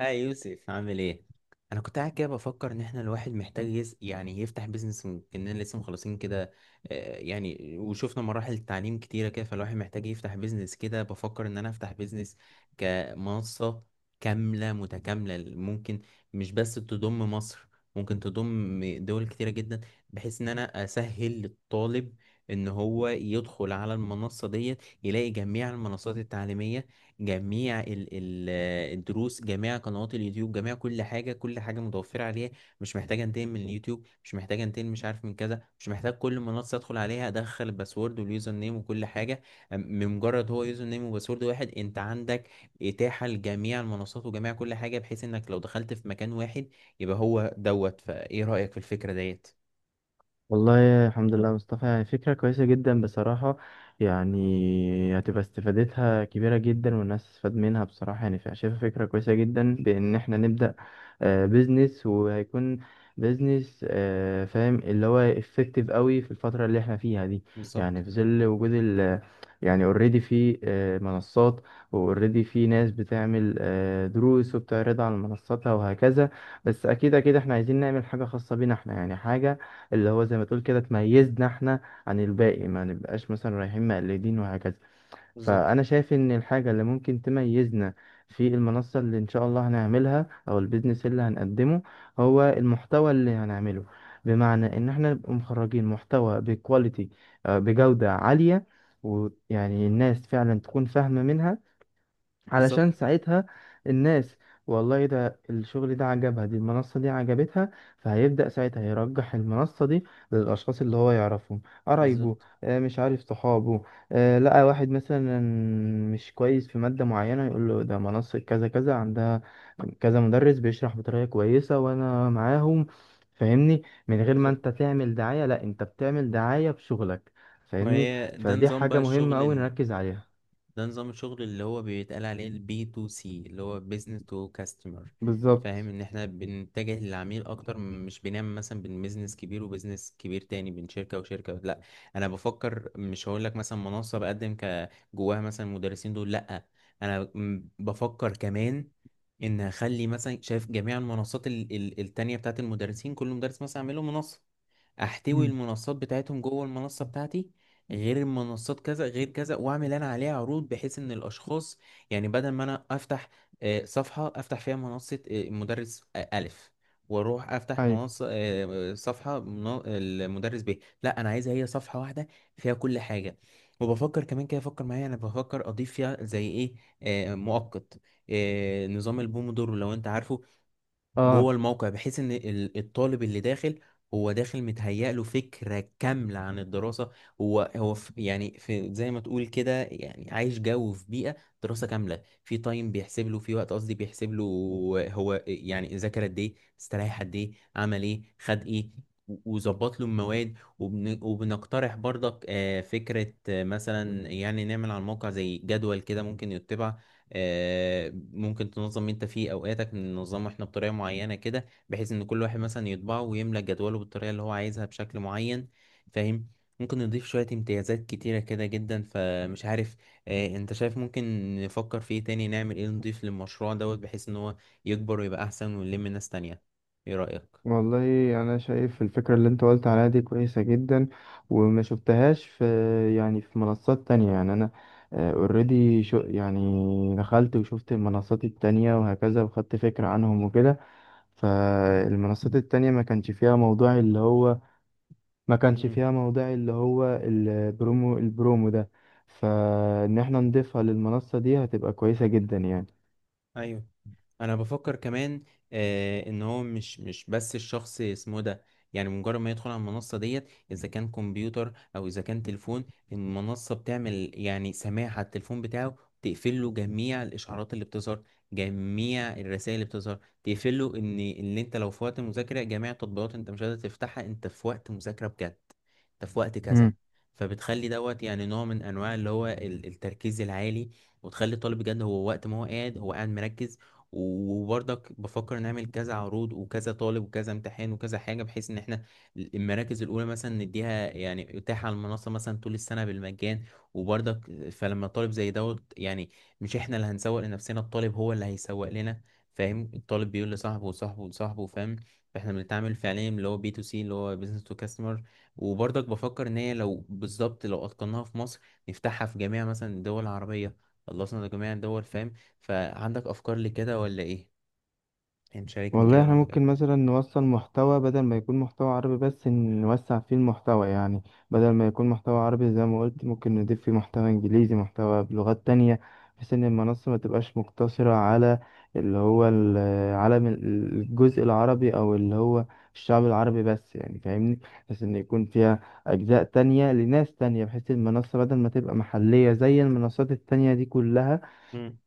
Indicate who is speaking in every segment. Speaker 1: اه، يوسف عامل ايه؟ انا كنت قاعد كده بفكر ان احنا الواحد محتاج يس... يعني يفتح بيزنس. كأننا لسه مخلصين كده. يعني وشفنا مراحل التعليم كتيره كده، فالواحد محتاج يفتح بيزنس. كده بفكر ان انا افتح بيزنس كمنصه كامله متكامله. ممكن مش بس تضم مصر، ممكن تضم دول كتيره جدا، بحيث ان انا اسهل للطالب ان هو يدخل على المنصه ديت، يلاقي جميع المنصات التعليميه، جميع ال ال الدروس جميع قنوات اليوتيوب، جميع كل حاجة، كل حاجة متوفرة عليها. مش محتاج انتقل من اليوتيوب، مش محتاج انتقل مش عارف من كذا، مش محتاج كل منصة ادخل عليها ادخل الباسورد واليوزر نيم وكل حاجة. بمجرد هو يوزر نيم وباسورد واحد، انت عندك اتاحة لجميع المنصات وجميع كل حاجة، بحيث انك لو دخلت في مكان واحد يبقى هو دوت. فايه رأيك في الفكرة ديت؟
Speaker 2: والله الحمد لله يا مصطفى، يعني فكرة كويسة جدا بصراحة. يعني هتبقى استفادتها كبيرة جدا والناس تستفاد منها بصراحة. شايفها فكرة كويسة جدا بإن احنا نبدأ بيزنس. وهيكون بيزنس، فاهم اللي هو effective قوي في الفترة اللي احنا فيها دي.
Speaker 1: بالظبط.
Speaker 2: يعني في ظل وجود ال، يعني اوريدي في منصات، واوريدي في ناس بتعمل دروس وبتعرضها على منصاتها وهكذا. بس اكيد احنا عايزين نعمل حاجة خاصة بينا احنا، يعني حاجة اللي هو زي ما تقول كده تميزنا احنا عن الباقي، ما نبقاش مثلا رايحين مقلدين وهكذا.
Speaker 1: بالظبط.
Speaker 2: فأنا شايف إن الحاجة اللي ممكن تميزنا في المنصة اللي إن شاء الله هنعملها أو البيزنس اللي هنقدمه، هو المحتوى اللي هنعمله. بمعنى إن احنا نبقى مخرجين محتوى بكواليتي، بجودة عالية، ويعني الناس فعلا تكون فاهمة منها.
Speaker 1: بالظبط.
Speaker 2: علشان ساعتها الناس والله ده الشغل ده عجبها، دي المنصة دي عجبتها، فهيبدأ ساعتها يرجح المنصة دي للأشخاص اللي هو يعرفهم، قرايبه،
Speaker 1: بالظبط.
Speaker 2: مش عارف صحابه. لقى واحد مثلا مش كويس في مادة معينة، يقول له ده منصة كذا كذا عندها كذا مدرس بيشرح بطريقة كويسة وأنا معاهم. فاهمني، من غير ما
Speaker 1: بالظبط.
Speaker 2: انت تعمل دعاية، لا انت بتعمل دعاية بشغلك.
Speaker 1: ما
Speaker 2: فاهمني،
Speaker 1: هي ده
Speaker 2: فدي
Speaker 1: نظام
Speaker 2: حاجة
Speaker 1: بقى
Speaker 2: مهمة
Speaker 1: الشغل.
Speaker 2: أوي نركز عليها.
Speaker 1: ده نظام الشغل اللي هو بيتقال عليه البي تو سي، اللي هو بيزنس تو كاستمر. فاهم
Speaker 2: بالظبط.
Speaker 1: ان احنا بنتجه للعميل اكتر، مش بنعمل مثلا بين بيزنس كبير وبيزنس كبير تاني، بين شركة وشركة، لا. انا بفكر مش هقول لك مثلا منصة بقدم ك جواها مثلا المدرسين دول، لا. انا بفكر كمان ان اخلي مثلا شايف جميع المنصات التانية بتاعت المدرسين، كل مدرس مثلا اعمله منصة، احتوي
Speaker 2: مم.
Speaker 1: المنصات بتاعتهم جوه المنصة بتاعتي، غير المنصات كذا غير كذا، واعمل انا عليها عروض بحيث ان الاشخاص يعني بدل ما انا افتح صفحة افتح فيها منصة مدرس الف، واروح افتح
Speaker 2: أيوة.
Speaker 1: منصة صفحة المدرس ب، لا انا عايزها هي صفحة واحدة فيها كل حاجة. وبفكر كمان كده، فكر معايا، انا بفكر اضيف فيها زي ايه؟ مؤقت، نظام البومودورو لو انت عارفه، جوه
Speaker 2: اه.
Speaker 1: الموقع، بحيث ان الطالب اللي داخل هو داخل متهيأ له فكرة كاملة عن الدراسة، هو في زي ما تقول كده يعني عايش جو، في بيئة دراسة كاملة. في تايم بيحسب له، في وقت قصدي بيحسب له، هو يعني ذاكر قد ايه، استريح قد ايه، عمل ايه، خد ايه، وظبط له المواد. وبنقترح برضك فكرة مثلا، يعني نعمل على الموقع زي جدول كده ممكن يتبع. ممكن تنظم انت فيه اوقاتك، ننظمه احنا بطريقه معينه كده بحيث ان كل واحد مثلا يطبعه ويملى جدوله بالطريقه اللي هو عايزها بشكل معين. فاهم؟ ممكن نضيف شويه امتيازات كتيره كده جدا، فمش عارف انت شايف ممكن نفكر في ايه تاني، نعمل ايه، نضيف للمشروع دوت بحيث ان هو يكبر ويبقى احسن ونلم ناس تانية. ايه رايك؟
Speaker 2: والله انا شايف الفكره اللي انت قلت عليها دي كويسه جدا، وما شفتهاش في يعني في منصات تانية. يعني انا اوريدي شو يعني دخلت وشفت المنصات التانية وهكذا وخدت فكره عنهم وكده، فالمنصات التانية ما كانش فيها موضوع اللي هو، ما كانش
Speaker 1: مم.
Speaker 2: فيها موضوع اللي هو البرومو، البرومو ده. فان احنا نضيفها للمنصه دي هتبقى كويسه جدا يعني.
Speaker 1: ايوه، انا بفكر كمان ان هو مش بس الشخص اسمه ده. يعني مجرد ما يدخل على المنصة ديت، اذا كان كمبيوتر او اذا كان تليفون، المنصة بتعمل يعني سماع على التليفون بتاعه، تقفل له جميع الاشعارات اللي بتظهر، جميع الرسائل اللي بتظهر تقفل له، ان اللي انت لو في وقت مذاكرة جميع التطبيقات انت مش قادر تفتحها، انت في وقت مذاكرة بجد، انت في وقت كذا. فبتخلي دوت يعني نوع من انواع اللي هو التركيز العالي، وتخلي الطالب بجد، هو وقت ما هو قاعد مركز. وبرضك بفكر نعمل كذا عروض وكذا طالب وكذا امتحان وكذا حاجة، بحيث ان احنا المراكز الاولى مثلا نديها يعني اتاحة على المنصة مثلا طول السنة بالمجان. وبرضك فلما طالب زي دوت يعني، مش احنا اللي هنسوق لنفسنا، الطالب هو اللي هيسوق لنا. فاهم؟ الطالب بيقول لصاحبه وصاحبه وصاحبه، فاهم؟ فاحنا بنتعامل فعليا اللي هو بي تو سي، اللي هو بيزنس تو كاستمر. وبرضك بفكر ان هي لو بالظبط لو اتقناها في مصر، نفتحها في جميع مثلا الدول العربية، خلصنا جميع الدول، فاهم؟ فعندك افكار لكده ولا ايه؟ يعني شاركني
Speaker 2: والله
Speaker 1: كده لو
Speaker 2: احنا
Speaker 1: عندك أي
Speaker 2: ممكن
Speaker 1: افكار.
Speaker 2: مثلا نوصل محتوى، بدل ما يكون محتوى عربي بس نوسع فيه المحتوى. يعني بدل ما يكون محتوى عربي زي ما قلت، ممكن نضيف فيه محتوى انجليزي، محتوى بلغات تانية، بحيث ان المنصة ما تبقاش مقتصرة على اللي هو العالم الجزء العربي او اللي هو الشعب العربي بس، يعني فاهمني. بحيث ان يكون فيها اجزاء تانية لناس تانية، بحيث المنصة بدل ما تبقى محلية زي المنصات التانية دي كلها،
Speaker 1: مم.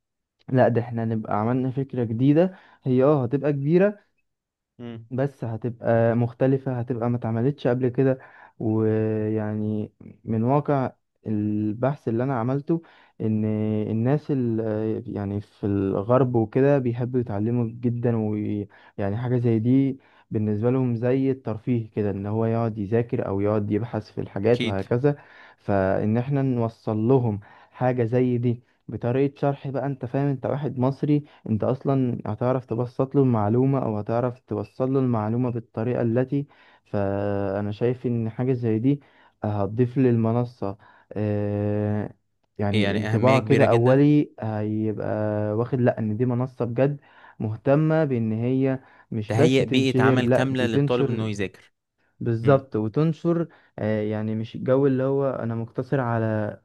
Speaker 2: لا ده احنا نبقى عملنا فكرة جديدة. هي اه هتبقى كبيرة،
Speaker 1: مم.
Speaker 2: بس هتبقى مختلفة، هتبقى ما اتعملتش قبل كده. ويعني من واقع البحث اللي انا عملته، ان الناس يعني في الغرب وكده بيحبوا يتعلموا جدا، ويعني حاجة زي دي بالنسبة لهم زي الترفيه كده، ان هو يقعد يذاكر او يقعد يبحث في الحاجات
Speaker 1: أكيد.
Speaker 2: وهكذا. فان احنا نوصل لهم حاجة زي دي بطريقة شرح، بقى انت فاهم انت واحد مصري، انت اصلا هتعرف تبسط له المعلومة او هتعرف توصل له المعلومة بالطريقة التي. فانا شايف ان حاجة زي دي هتضيف للمنصة آه،
Speaker 1: إيه
Speaker 2: يعني
Speaker 1: يعني أهمية
Speaker 2: انطباع كده
Speaker 1: كبيرة جدا.
Speaker 2: اولي، هيبقى واخد، لا ان دي منصة بجد مهتمة بان هي مش بس
Speaker 1: تهيئ بيئة
Speaker 2: تنشهر،
Speaker 1: عمل
Speaker 2: لا
Speaker 1: كاملة
Speaker 2: دي
Speaker 1: للطالب إنه
Speaker 2: تنشر.
Speaker 1: يذاكر. امم.
Speaker 2: بالظبط، وتنشر. يعني مش الجو اللي هو انا مقتصر على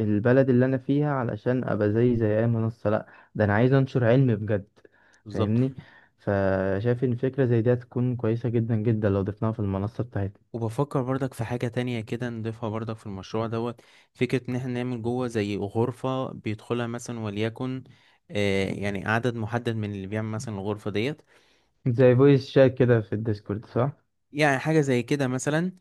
Speaker 2: البلد اللي انا فيها علشان ابقى زي زي اي منصة، لا ده انا عايز انشر علم بجد.
Speaker 1: بالظبط.
Speaker 2: فاهمني، فشايف ان فكرة زي دي هتكون كويسة جدا جدا لو ضفناها في المنصة بتاعتنا.
Speaker 1: وبفكر برضك في حاجة تانية كده نضيفها برضك في المشروع دوت. فكرة إن احنا نعمل جوه زي غرفة بيدخلها مثلا وليكن يعني عدد محدد من اللي بيعمل مثلا الغرفة ديت.
Speaker 2: زي فويس شات كده في الديسكورد، صح.
Speaker 1: يعني حاجة زي كده مثلا،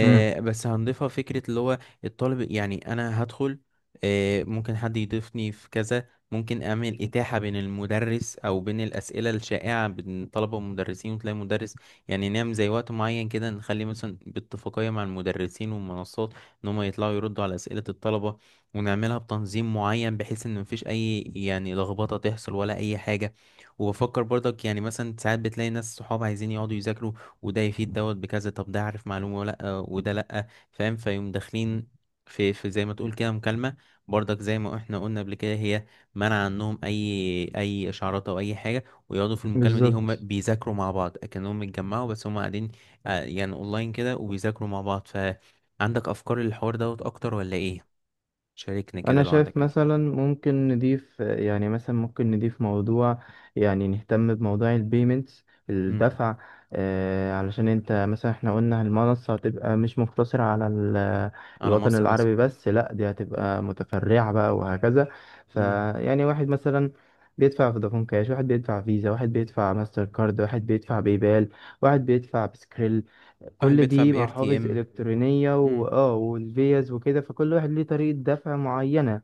Speaker 2: امم.
Speaker 1: بس هنضيفها فكرة اللي هو الطالب، يعني أنا هدخل، ممكن حد يضيفني في كذا، ممكن أعمل إتاحة بين المدرس أو بين الأسئلة الشائعة بين الطلبة والمدرسين وتلاقي مدرس. يعني نعمل زي وقت معين كده، نخلي مثلا باتفاقية مع المدرسين والمنصات إن هما يطلعوا يردوا على أسئلة الطلبة، ونعملها بتنظيم معين بحيث إن مفيش أي يعني لخبطة تحصل ولا أي حاجة. وبفكر برضك يعني مثلا ساعات بتلاقي ناس صحاب عايزين يقعدوا يذاكروا، وده يفيد دوت بكذا، طب ده عارف معلومة ولا لأ وده لأ، فاهم؟ فيقوم داخلين في زي ما تقول كده مكالمة. برضك زي ما احنا قلنا قبل كده، هي منع عنهم أي إشعارات أو أي حاجة، ويقعدوا في المكالمة دي هم
Speaker 2: بالظبط.
Speaker 1: بيذاكروا مع بعض كأنهم اتجمعوا بس هم قاعدين يعني أونلاين كده وبيذاكروا مع بعض. فعندك أفكار للحوار دوت أكتر ولا إيه؟ شاركني كده
Speaker 2: انا
Speaker 1: لو
Speaker 2: شايف
Speaker 1: عندك أي أفكار.
Speaker 2: مثلا ممكن نضيف، يعني مثلا ممكن نضيف موضوع، يعني نهتم بموضوع البيمنتس،
Speaker 1: مم.
Speaker 2: الدفع. آه علشان انت مثلا احنا قلنا المنصة هتبقى مش مقتصرة على
Speaker 1: على
Speaker 2: الوطن
Speaker 1: مصر مثلا.
Speaker 2: العربي بس، لا دي هتبقى متفرعة بقى وهكذا.
Speaker 1: مم.
Speaker 2: فيعني واحد مثلا بيدفع فودافون كاش، واحد بيدفع فيزا، واحد بيدفع ماستر كارد، واحد بيدفع باي بال، واحد بيدفع بسكريل.
Speaker 1: واحد
Speaker 2: كل
Speaker 1: بيدفع
Speaker 2: دي
Speaker 1: ب
Speaker 2: محافظ
Speaker 1: RTM.
Speaker 2: إلكترونية،
Speaker 1: مم.
Speaker 2: وآه والفيز وكده. فكل واحد ليه طريقة دفع معينة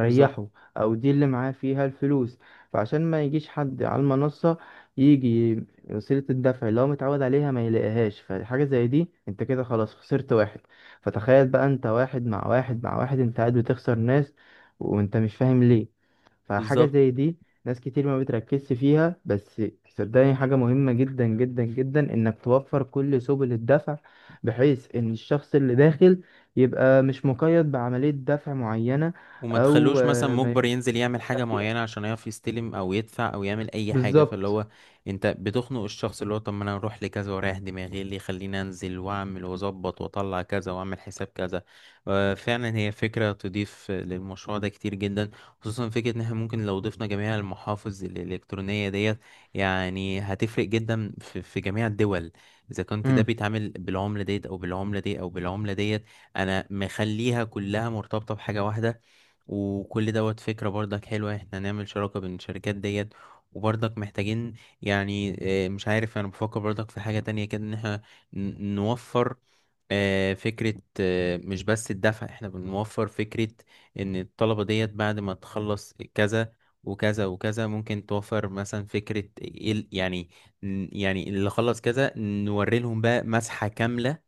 Speaker 1: بالظبط.
Speaker 2: أو دي اللي معاه فيها الفلوس. فعشان ما يجيش حد على المنصة يجي وسيلة الدفع اللي هو متعود عليها ما يلاقيهاش، فحاجة زي دي انت كده خلاص خسرت واحد. فتخيل بقى انت واحد مع واحد مع واحد، انت قاعد بتخسر ناس وانت مش فاهم ليه. فحاجة
Speaker 1: بالظبط.
Speaker 2: زي دي ناس كتير ما بتركزش فيها، بس صدقني حاجة مهمة جدا جدا جدا انك توفر كل سبل الدفع، بحيث ان الشخص اللي داخل يبقى مش مقيد بعملية دفع معينة،
Speaker 1: وما
Speaker 2: او
Speaker 1: تخلوش مثلا
Speaker 2: ما
Speaker 1: مجبر
Speaker 2: يكونش
Speaker 1: ينزل يعمل حاجة
Speaker 2: دافع فيها.
Speaker 1: معينة عشان يعرف يستلم أو يدفع أو يعمل أي حاجة، فاللي
Speaker 2: بالظبط.
Speaker 1: هو أنت بتخنق الشخص، اللي هو طب ما أنا أروح لكذا وأريح دماغي، إيه اللي يخليني أنزل وأعمل وأظبط وأطلع كذا وأعمل حساب كذا. فعلا هي فكرة تضيف للمشروع ده كتير جدا، خصوصا فكرة إن إحنا ممكن لو ضفنا جميع المحافظ الإلكترونية ديت، يعني هتفرق جدا في جميع الدول، إذا كنت ده
Speaker 2: مم.
Speaker 1: بيتعامل بالعملة ديت أو بالعملة دي أو بالعملة ديت. أنا مخليها كلها مرتبطة بحاجة واحدة. وكل دوت فكرة برضك حلوة، احنا نعمل شراكة بين الشركات ديت. وبرضك محتاجين يعني مش عارف، انا بفكر برضك في حاجة تانية كده ان احنا نوفر فكرة. مش بس الدفع، احنا بنوفر فكرة ان الطلبة ديت بعد ما تخلص كذا وكذا وكذا، ممكن توفر مثلا فكرة اللي خلص كذا نوري لهم بقى مسحة كاملة،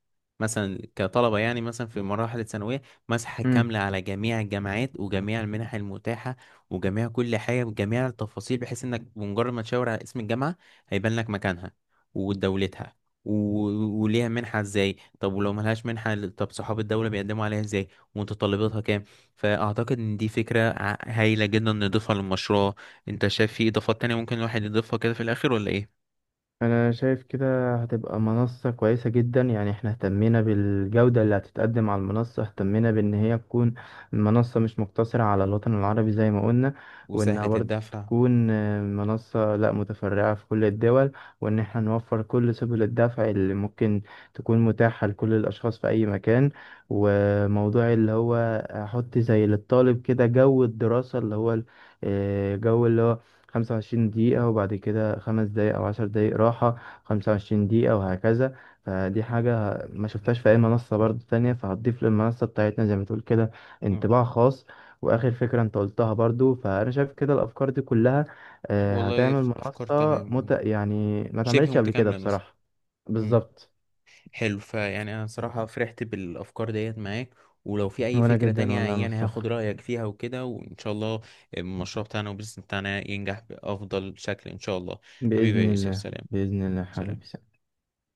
Speaker 1: مثلا كطلبة يعني مثلا في مراحل الثانوية، مسحة
Speaker 2: مم.
Speaker 1: كاملة على جميع الجامعات وجميع المنح المتاحة وجميع كل حاجة بجميع التفاصيل، بحيث انك بمجرد ما تشاور على اسم الجامعة هيبان لك مكانها ودولتها، وليها منحة ازاي، طب ولو ملهاش منحة طب صحاب الدولة بيقدموا عليها ازاي، ومتطلباتها كام. فأعتقد إن دي فكرة هايلة جدا نضيفها للمشروع. أنت شايف في إضافات تانية ممكن الواحد يضيفها كده في الآخر ولا إيه؟
Speaker 2: انا شايف كده هتبقى منصة كويسة جدا. يعني احنا اهتمينا بالجودة اللي هتتقدم على المنصة، اهتمينا بان هي تكون منصة مش مقتصرة على الوطن العربي زي ما قلنا، وانها
Speaker 1: وسهلة
Speaker 2: برضه
Speaker 1: الدفع.
Speaker 2: تكون منصة لا متفرعة في كل الدول، وان احنا نوفر كل سبل الدفع اللي ممكن تكون متاحة لكل الاشخاص في اي مكان. وموضوع اللي هو احط زي للطالب كده جو الدراسة، اللي هو جو اللي هو 25 دقيقة وبعد كده 5 دقايق أو 10 دقايق راحة، 25 دقيقة وهكذا. فدي حاجة ما شفتهاش في أي منصة برضو تانية، فهتضيف للمنصة بتاعتنا زي ما تقول كده
Speaker 1: مم.
Speaker 2: انطباع خاص. وآخر فكرة أنت قلتها برضو، فأنا شايف كده الأفكار دي كلها
Speaker 1: والله
Speaker 2: هتعمل
Speaker 1: أفكار
Speaker 2: منصة
Speaker 1: تمام. مم.
Speaker 2: يعني ما
Speaker 1: شبه
Speaker 2: اتعملتش قبل كده
Speaker 1: متكاملة مثلا.
Speaker 2: بصراحة.
Speaker 1: مم.
Speaker 2: بالظبط.
Speaker 1: حلو، فيعني انا صراحة فرحت بالافكار ديت معاك، ولو في اي
Speaker 2: وأنا
Speaker 1: فكرة
Speaker 2: جدا
Speaker 1: تانية
Speaker 2: والله يا
Speaker 1: يعني
Speaker 2: مصطفى.
Speaker 1: هاخد رأيك فيها وكده، وان شاء الله المشروع بتاعنا والبيزنس بتاعنا ينجح بافضل شكل ان شاء الله. حبيبي
Speaker 2: بإذن
Speaker 1: يا يوسف،
Speaker 2: الله،
Speaker 1: سلام.
Speaker 2: بإذن الله
Speaker 1: سلام.
Speaker 2: حبيبي.